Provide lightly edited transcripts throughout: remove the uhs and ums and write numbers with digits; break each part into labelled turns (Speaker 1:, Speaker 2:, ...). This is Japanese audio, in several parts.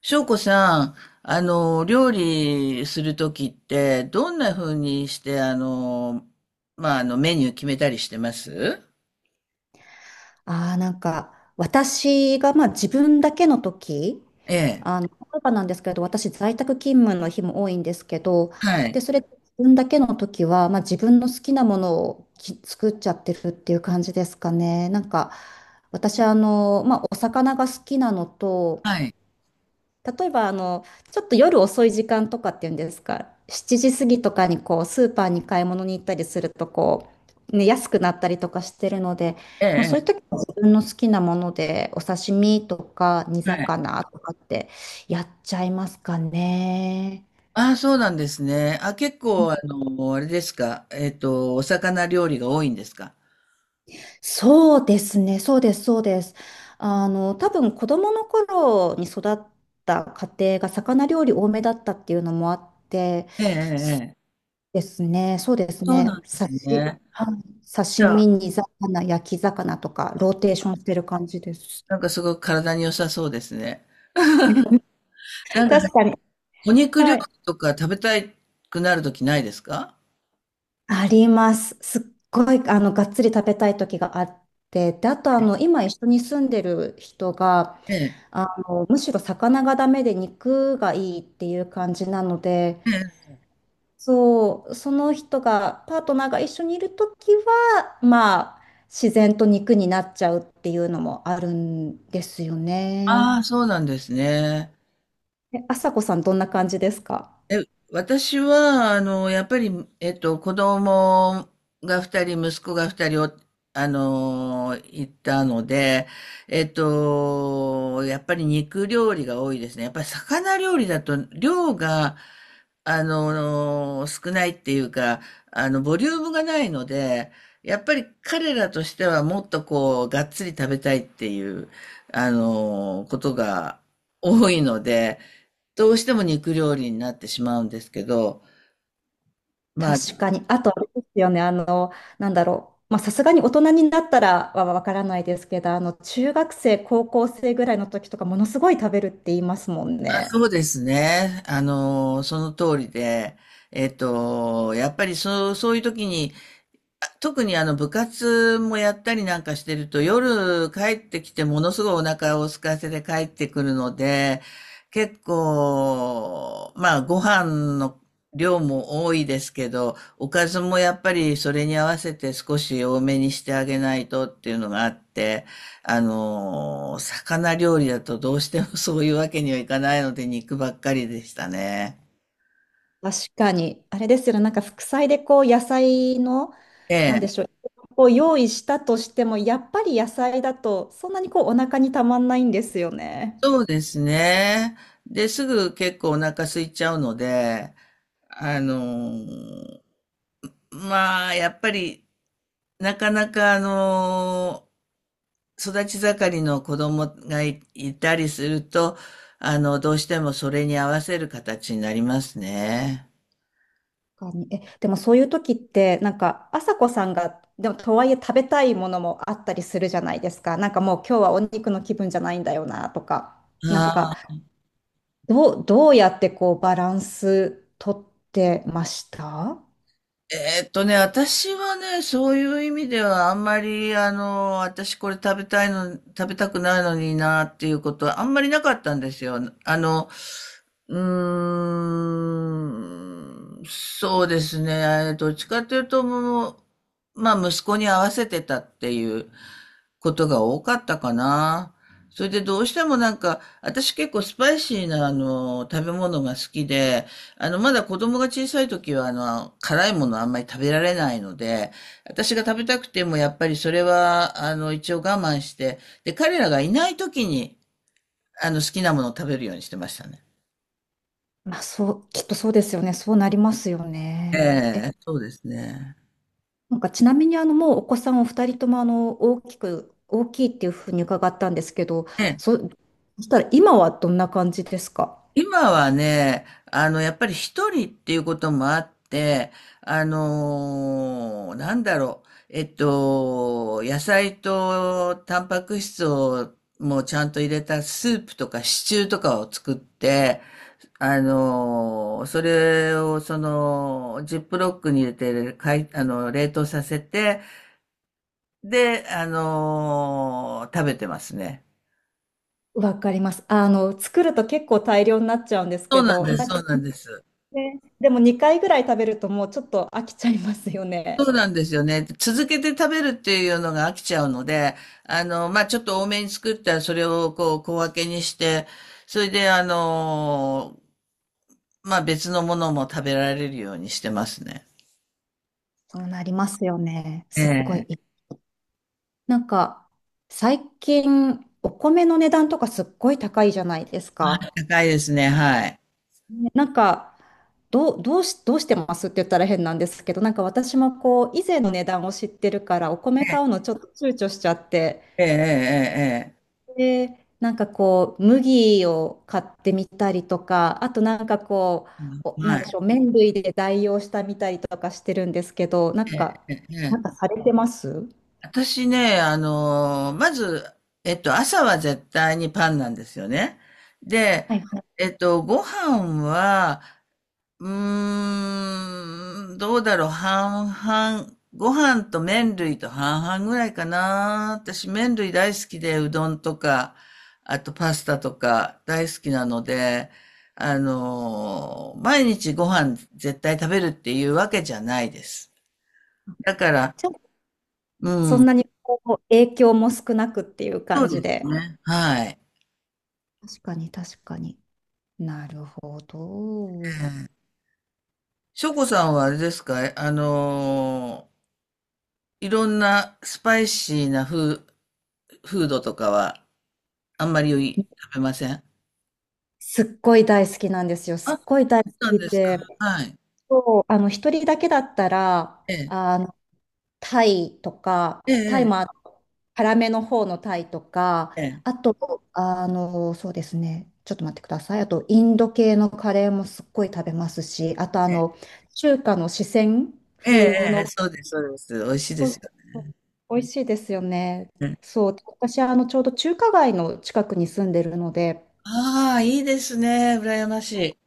Speaker 1: 翔子さん、料理するときって、どんな風にして、メニュー決めたりしてます？
Speaker 2: ああ、なんか、私が、まあ、自分だけの時、
Speaker 1: ええ。
Speaker 2: 例えばなんですけど、私、在宅勤務の日も多いんですけど、
Speaker 1: は
Speaker 2: で、
Speaker 1: い。
Speaker 2: それ、自分だけの時は、まあ、自分の好きなものを作っちゃってるっていう感じですかね。なんか、私、まあ、お魚が好きなのと、
Speaker 1: はい。
Speaker 2: 例えば、ちょっと夜遅い時間とかっていうんですか、7時過ぎとかにこう、スーパーに買い物に行ったりすると、こう、ね、安くなったりとかしてるので、
Speaker 1: え
Speaker 2: まあ、そういう
Speaker 1: え。
Speaker 2: 時は自分の好きなもので、お刺身とか煮
Speaker 1: ええ、はい。
Speaker 2: 魚とかってやっちゃいますかね。
Speaker 1: ああ、そうなんですね。あ、結構、あれですか。お魚料理が多いんですか？
Speaker 2: そうですね、そうです、そうです。多分子供の頃に育った家庭が魚料理多めだったっていうのもあって、
Speaker 1: ええ、ええ。ええ、
Speaker 2: ですね。そうです
Speaker 1: そうなん
Speaker 2: ね。
Speaker 1: ですね。
Speaker 2: はい、
Speaker 1: じ
Speaker 2: 刺
Speaker 1: ゃあ、
Speaker 2: 身、煮魚、焼き魚とか、ローテーションしてる感じです。
Speaker 1: なんかすごく体に良さそうですね。な んか、
Speaker 2: 確かに。
Speaker 1: お肉料
Speaker 2: は
Speaker 1: 理
Speaker 2: い。
Speaker 1: とか食べたくなるときないですか？
Speaker 2: あります。すっごい、がっつり食べたい時があって、で、あと、今一緒に住んでる人が、
Speaker 1: ええ。
Speaker 2: むしろ魚がダメで肉がいいっていう感じなので、
Speaker 1: ええ。
Speaker 2: そう、その人が、パートナーが一緒にいるときは、まあ、自然と肉になっちゃうっていうのもあるんですよね。
Speaker 1: ああ、そうなんですね。
Speaker 2: え、あさこさん、どんな感じですか？
Speaker 1: え、私は、やっぱり、子供が二人、息子が二人を、あの、いたので、やっぱり肉料理が多いですね。やっぱり魚料理だと、量が、少ないっていうか、ボリュームがないので、やっぱり彼らとしてはもっとこう、がっつり食べたいっていう、ことが多いので、どうしても肉料理になってしまうんですけど、まあ、
Speaker 2: 確かに。あと、あれですよね、なんだろう。まあ、さすがに大人になったらはわからないですけど、中学生、高校生ぐらいの時とか、ものすごい食べるって言いますもんね。
Speaker 1: そうですね。その通りで、やっぱりそういう時に特に部活もやったりなんかしてると夜帰ってきてものすごいお腹を空かせて帰ってくるので、結構、まあご飯の量も多いですけど、おかずもやっぱりそれに合わせて少し多めにしてあげないとっていうのがあって、魚料理だとどうしてもそういうわけにはいかないので肉ばっかりでしたね。
Speaker 2: 確かに。あれですよね、なんか副菜でこう野菜の、
Speaker 1: え
Speaker 2: なんで
Speaker 1: え。
Speaker 2: しょう、こう用意したとしても、やっぱり野菜だとそんなにこうお腹にたまんないんですよね。
Speaker 1: そうですね。で、すぐ結構お腹空いちゃうので、あのーまあ、やっぱり、なかなか、育ち盛りの子供がいたりすると、どうしてもそれに合わせる形になりますね。
Speaker 2: 確かに。え、でもそういう時って、なんか、朝子さんが、でもとはいえ食べたいものもあったりするじゃないですか。なんかもう今日はお肉の気分じゃないんだよなとか。
Speaker 1: は
Speaker 2: なんか、
Speaker 1: い。
Speaker 2: どうやってこうバランス取ってました？
Speaker 1: えーっとね、私はね、そういう意味では、あんまり、私これ食べたいの、食べたくないのになっていうことは、あんまりなかったんですよ。そうですね。どっちかというと、もう、まあ、息子に合わせてたっていうことが多かったかな。それでどうしてもなんか、私結構スパイシーな、食べ物が好きで、まだ子供が小さい時は、辛いものあんまり食べられないので、私が食べたくても、やっぱりそれは、一応我慢して、で、彼らがいない時に、好きなものを食べるようにしてましたね。
Speaker 2: まあそう、きっとそうですよね。そうなりますよ
Speaker 1: え
Speaker 2: ね。
Speaker 1: え、そうですね。
Speaker 2: なんかちなみにあのもうお子さんお二人ともあの大きいっていうふうに伺ったんですけど、
Speaker 1: ええ、
Speaker 2: そ、そしたら今はどんな感じですか？
Speaker 1: 今はね、やっぱり一人っていうこともあって、野菜とタンパク質をもうちゃんと入れたスープとかシチューとかを作って、それをその、ジップロックに入れて、かい、あの、冷凍させて、で、食べてますね。
Speaker 2: わかります。あの作ると結構大量になっちゃうんです
Speaker 1: そう
Speaker 2: け
Speaker 1: なん
Speaker 2: ど、
Speaker 1: です、
Speaker 2: なんか
Speaker 1: そうなんです。
Speaker 2: ね、でも2回ぐらい食べるともうちょっと飽きちゃいますよ
Speaker 1: そ
Speaker 2: ね。
Speaker 1: うなんですよね。続けて食べるっていうのが飽きちゃうので、まあ、ちょっと多めに作ったらそれをこう小分けにして、それでまあ、別のものも食べられるようにしてますね。
Speaker 2: そうなりますよね。
Speaker 1: え
Speaker 2: すっごい。
Speaker 1: え。
Speaker 2: なんか最近お米の値段とかすっごい高いじゃないです
Speaker 1: あ、
Speaker 2: か。
Speaker 1: 高いですね。はい。
Speaker 2: ねなんか、どうしてますって言ったら変なんですけど、なんか私もこう、以前の値段を知ってるから、お米買うのちょっと躊躇しちゃって、
Speaker 1: ええ、ええ、
Speaker 2: で、なんかこう、麦を買ってみたりとか、あとなんかこ
Speaker 1: ええ。
Speaker 2: う、
Speaker 1: うん、
Speaker 2: なん
Speaker 1: は
Speaker 2: でし
Speaker 1: い。
Speaker 2: ょう、麺類で代用したみたりとかしてるんですけど、なんか、
Speaker 1: え
Speaker 2: な
Speaker 1: え。
Speaker 2: んかされてます？
Speaker 1: 私ね、まず、朝は絶対にパンなんですよね。で、
Speaker 2: はいはい。
Speaker 1: ご飯は、うーん、どうだろう、半々。ご飯と麺類と半々ぐらいかな。私、麺類大好きで、うどんとか、あとパスタとか大好きなので、毎日ご飯絶対食べるっていうわけじゃないです。だから、
Speaker 2: ちょ、
Speaker 1: う
Speaker 2: そん
Speaker 1: ん、
Speaker 2: なにこう、影響も少なくっていう
Speaker 1: そう
Speaker 2: 感じ
Speaker 1: です
Speaker 2: で。
Speaker 1: ね。はい。
Speaker 2: 確かに、確かに。なるほど。
Speaker 1: しょこさんはあれですか、いろんなスパイシーなフードとかはあんまり食べません？
Speaker 2: すっごい大好きなんですよ。
Speaker 1: あ、
Speaker 2: す
Speaker 1: そ
Speaker 2: っごい大好
Speaker 1: うなん
Speaker 2: き
Speaker 1: ですか。
Speaker 2: で、
Speaker 1: はい。
Speaker 2: そう、一人だけだったら、
Speaker 1: ええ。
Speaker 2: タイとか、
Speaker 1: え
Speaker 2: タイ
Speaker 1: え、
Speaker 2: も辛めの方のタイとか、
Speaker 1: ええ。ええ。
Speaker 2: あと、そうですね、ちょっと待ってください。あと、インド系のカレーもすっごい食べますし、あと、中華の四川
Speaker 1: ええ、
Speaker 2: 風
Speaker 1: ええ、
Speaker 2: の、
Speaker 1: そうです、そうです。美味しいで
Speaker 2: そ
Speaker 1: す
Speaker 2: う
Speaker 1: よ
Speaker 2: そう美味しいですよね。
Speaker 1: ね。
Speaker 2: そう、私、ちょうど中華街の近くに住んでるので、
Speaker 1: ああ、いいですね、羨ましい。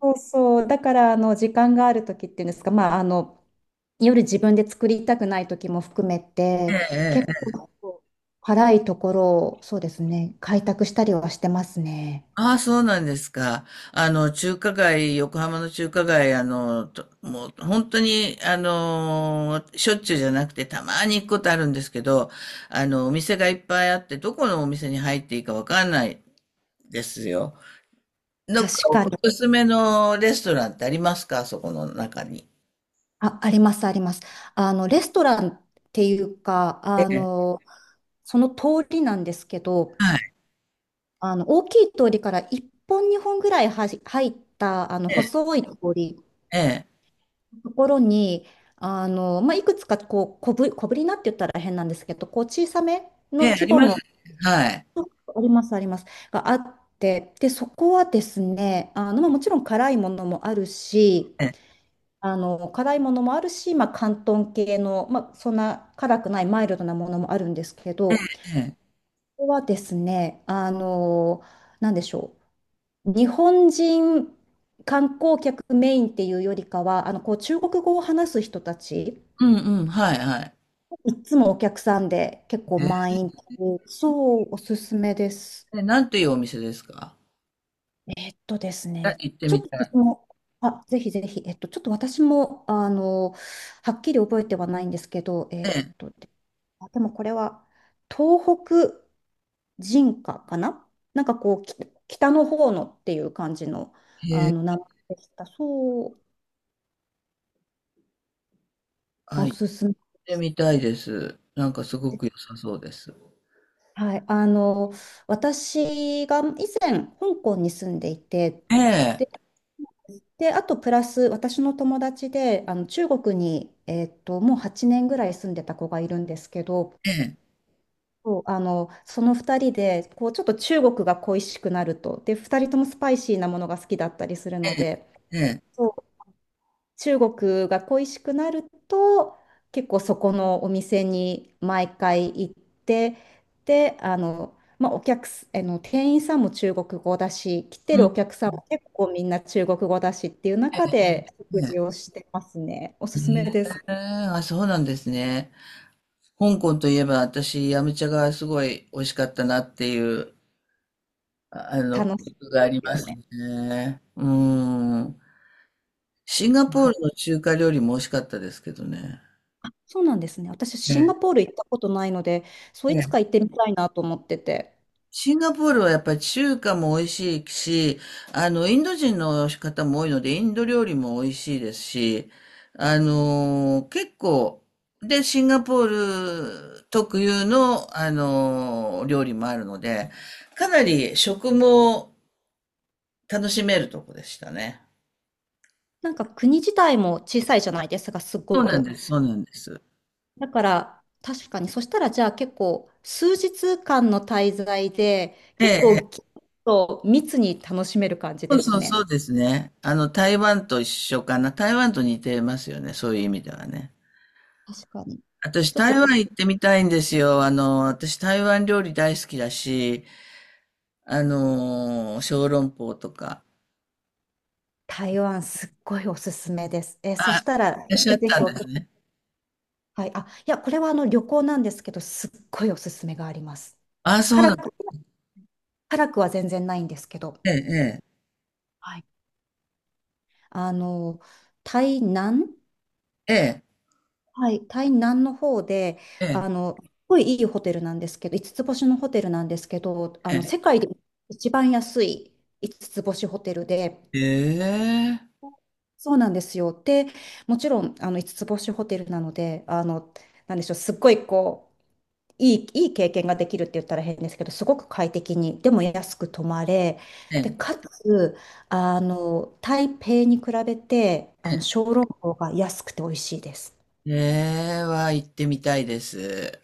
Speaker 2: そうそう。だから、時間がある時っていうんですか、まあ、夜自分で作りたくない時も含め
Speaker 1: え
Speaker 2: て、
Speaker 1: え、ええ、
Speaker 2: 結
Speaker 1: ええ。
Speaker 2: 構、辛いところを、そうですね、開拓したりはしてますね。
Speaker 1: ああ、そうなんですか。中華街、横浜の中華街、ともう本当に、しょっちゅうじゃなくて、たまに行くことあるんですけど、お店がいっぱいあって、どこのお店に入っていいかわかんないですよ。どっか
Speaker 2: 確
Speaker 1: お
Speaker 2: かに。
Speaker 1: すすめのレストランってありますか、そこの中に。
Speaker 2: あ、あります、あります。レストランっていうか、
Speaker 1: ええ、
Speaker 2: その通りなんですけど、
Speaker 1: はい、
Speaker 2: 大きい通りから1本、2本ぐらい入った、
Speaker 1: ええ、
Speaker 2: 細い通り
Speaker 1: ええ、
Speaker 2: ところに、まあ、いくつかこう小ぶりなって言ったら変なんですけど、こう小さめ
Speaker 1: え
Speaker 2: の
Speaker 1: え、あ
Speaker 2: 規
Speaker 1: り
Speaker 2: 模
Speaker 1: ます。
Speaker 2: の、
Speaker 1: はい。
Speaker 2: あります、あります、があって、で、そこはですね、まあ、もちろん辛いものもあるし、
Speaker 1: ええ、
Speaker 2: 辛いものもあるし、まあ、広東系の、まあ、そんな辛くないマイルドなものもあるんですけど、こ
Speaker 1: ええ。
Speaker 2: こはですね、なんでしょう、日本人観光客メインっていうよりかは、こう中国語を話す人たち、
Speaker 1: うん、うん、はい、はい。
Speaker 2: いっつもお客さんで結構満員そう、おすすめです。
Speaker 1: ええ、なんていうお店ですか？
Speaker 2: えっとです
Speaker 1: あ、
Speaker 2: ね、
Speaker 1: 行って
Speaker 2: ちょ
Speaker 1: み
Speaker 2: っと
Speaker 1: たい。
Speaker 2: 私も、あ、ぜひぜひ、ちょっと私も、はっきり覚えてはないんですけど、
Speaker 1: ええ、
Speaker 2: あでもこれは、東北人歌かななんかこう、北の方のっていう感じの、
Speaker 1: へえ、
Speaker 2: 名前でした。そう、
Speaker 1: あ、
Speaker 2: お
Speaker 1: 行っ
Speaker 2: すすめ
Speaker 1: てみたいです。なんかすご
Speaker 2: です。
Speaker 1: く良さそうです。
Speaker 2: はい、私が以前、香港に住んでいて、
Speaker 1: え
Speaker 2: で
Speaker 1: え、
Speaker 2: で、あとプラス私の友達で中国に、もう8年ぐらい住んでた子がいるんですけど、
Speaker 1: ええ、
Speaker 2: そうその2人でこうちょっと中国が恋しくなると、で2人ともスパイシーなものが好きだったりするの
Speaker 1: え
Speaker 2: で、
Speaker 1: え、ええ、
Speaker 2: そう中国が恋しくなると結構そこのお店に毎回行ってでまあ、お客すあの店員さんも中国語だし来て
Speaker 1: う
Speaker 2: るお
Speaker 1: ん、
Speaker 2: 客さんも結構みんな中国語だしっていう中で食
Speaker 1: え
Speaker 2: 事をしてますね。お
Speaker 1: え、
Speaker 2: すすめです。
Speaker 1: ええ、あ、そうなんですね。香港といえば私、ヤムチャがすごい美味しかったなっていう
Speaker 2: 楽し
Speaker 1: 記
Speaker 2: い
Speaker 1: 憶
Speaker 2: で
Speaker 1: があり
Speaker 2: す
Speaker 1: ま
Speaker 2: よ
Speaker 1: す
Speaker 2: ね。
Speaker 1: ね。うん。シンガポー
Speaker 2: わ
Speaker 1: ルの中華料理も美味しかったですけどね。
Speaker 2: あそうなんですね。私
Speaker 1: え
Speaker 2: シン
Speaker 1: え、
Speaker 2: ガポール行ったことないのでそういつ
Speaker 1: ええ、
Speaker 2: か行ってみたいなと思ってて。
Speaker 1: シンガポールはやっぱり中華も美味しいし、インド人の方も多いので、インド料理も美味しいですし、結構、で、シンガポール特有の、料理もあるので、かなり食も楽しめるとこでしたね。
Speaker 2: なんか国自体も小さいじゃないですか、すっ
Speaker 1: そう
Speaker 2: ご
Speaker 1: なん
Speaker 2: く。
Speaker 1: です、そうなんです。
Speaker 2: だから、確かに、そしたらじゃあ結構、数日間の滞在で、
Speaker 1: ええ、
Speaker 2: 結
Speaker 1: え、
Speaker 2: 構ぎゅっと密に楽しめる感じ
Speaker 1: そ
Speaker 2: で
Speaker 1: う、
Speaker 2: す
Speaker 1: そう、そ
Speaker 2: ね。
Speaker 1: うですね。台湾と一緒かな。台湾と似てますよね。そういう意味ではね。
Speaker 2: 確かに。
Speaker 1: 私、
Speaker 2: ちょっと
Speaker 1: 台
Speaker 2: こ
Speaker 1: 湾
Speaker 2: う
Speaker 1: 行ってみたいんですよ。私、台湾料理大好きだし、小籠包とか。
Speaker 2: 台湾すっごいおすすめです。そ
Speaker 1: あ、い
Speaker 2: したら、
Speaker 1: らっ
Speaker 2: ぜ
Speaker 1: しゃ
Speaker 2: ひ
Speaker 1: っ
Speaker 2: ぜ
Speaker 1: た
Speaker 2: ひ
Speaker 1: んですね。
Speaker 2: はい、あ、いや、これはあの旅行なんですけど、すっごいおすすめがあります。
Speaker 1: あ、そう
Speaker 2: 辛
Speaker 1: なん、
Speaker 2: く、辛くは全然ないんですけど、
Speaker 1: ええ、
Speaker 2: はい。あの、台南
Speaker 1: ええ、
Speaker 2: はい、台南の方で、
Speaker 1: ええ、
Speaker 2: すごいいいホテルなんですけど、五つつ星のホテルなんですけど、
Speaker 1: ええ、
Speaker 2: 世界で一番安い五つつ星ホテルで、
Speaker 1: ええ、
Speaker 2: そうなんですよ。で、もちろん、5つつ星ホテルなので、なんでしょう、すっごいこう、いい経験ができるって言ったら変ですけど、すごく快適に、でも安く泊まれ、
Speaker 1: え
Speaker 2: で、
Speaker 1: え、
Speaker 2: かつ、台北に比べて、
Speaker 1: え
Speaker 2: 小籠包が安くて美味しいです。
Speaker 1: え、ええは行ってみたいです。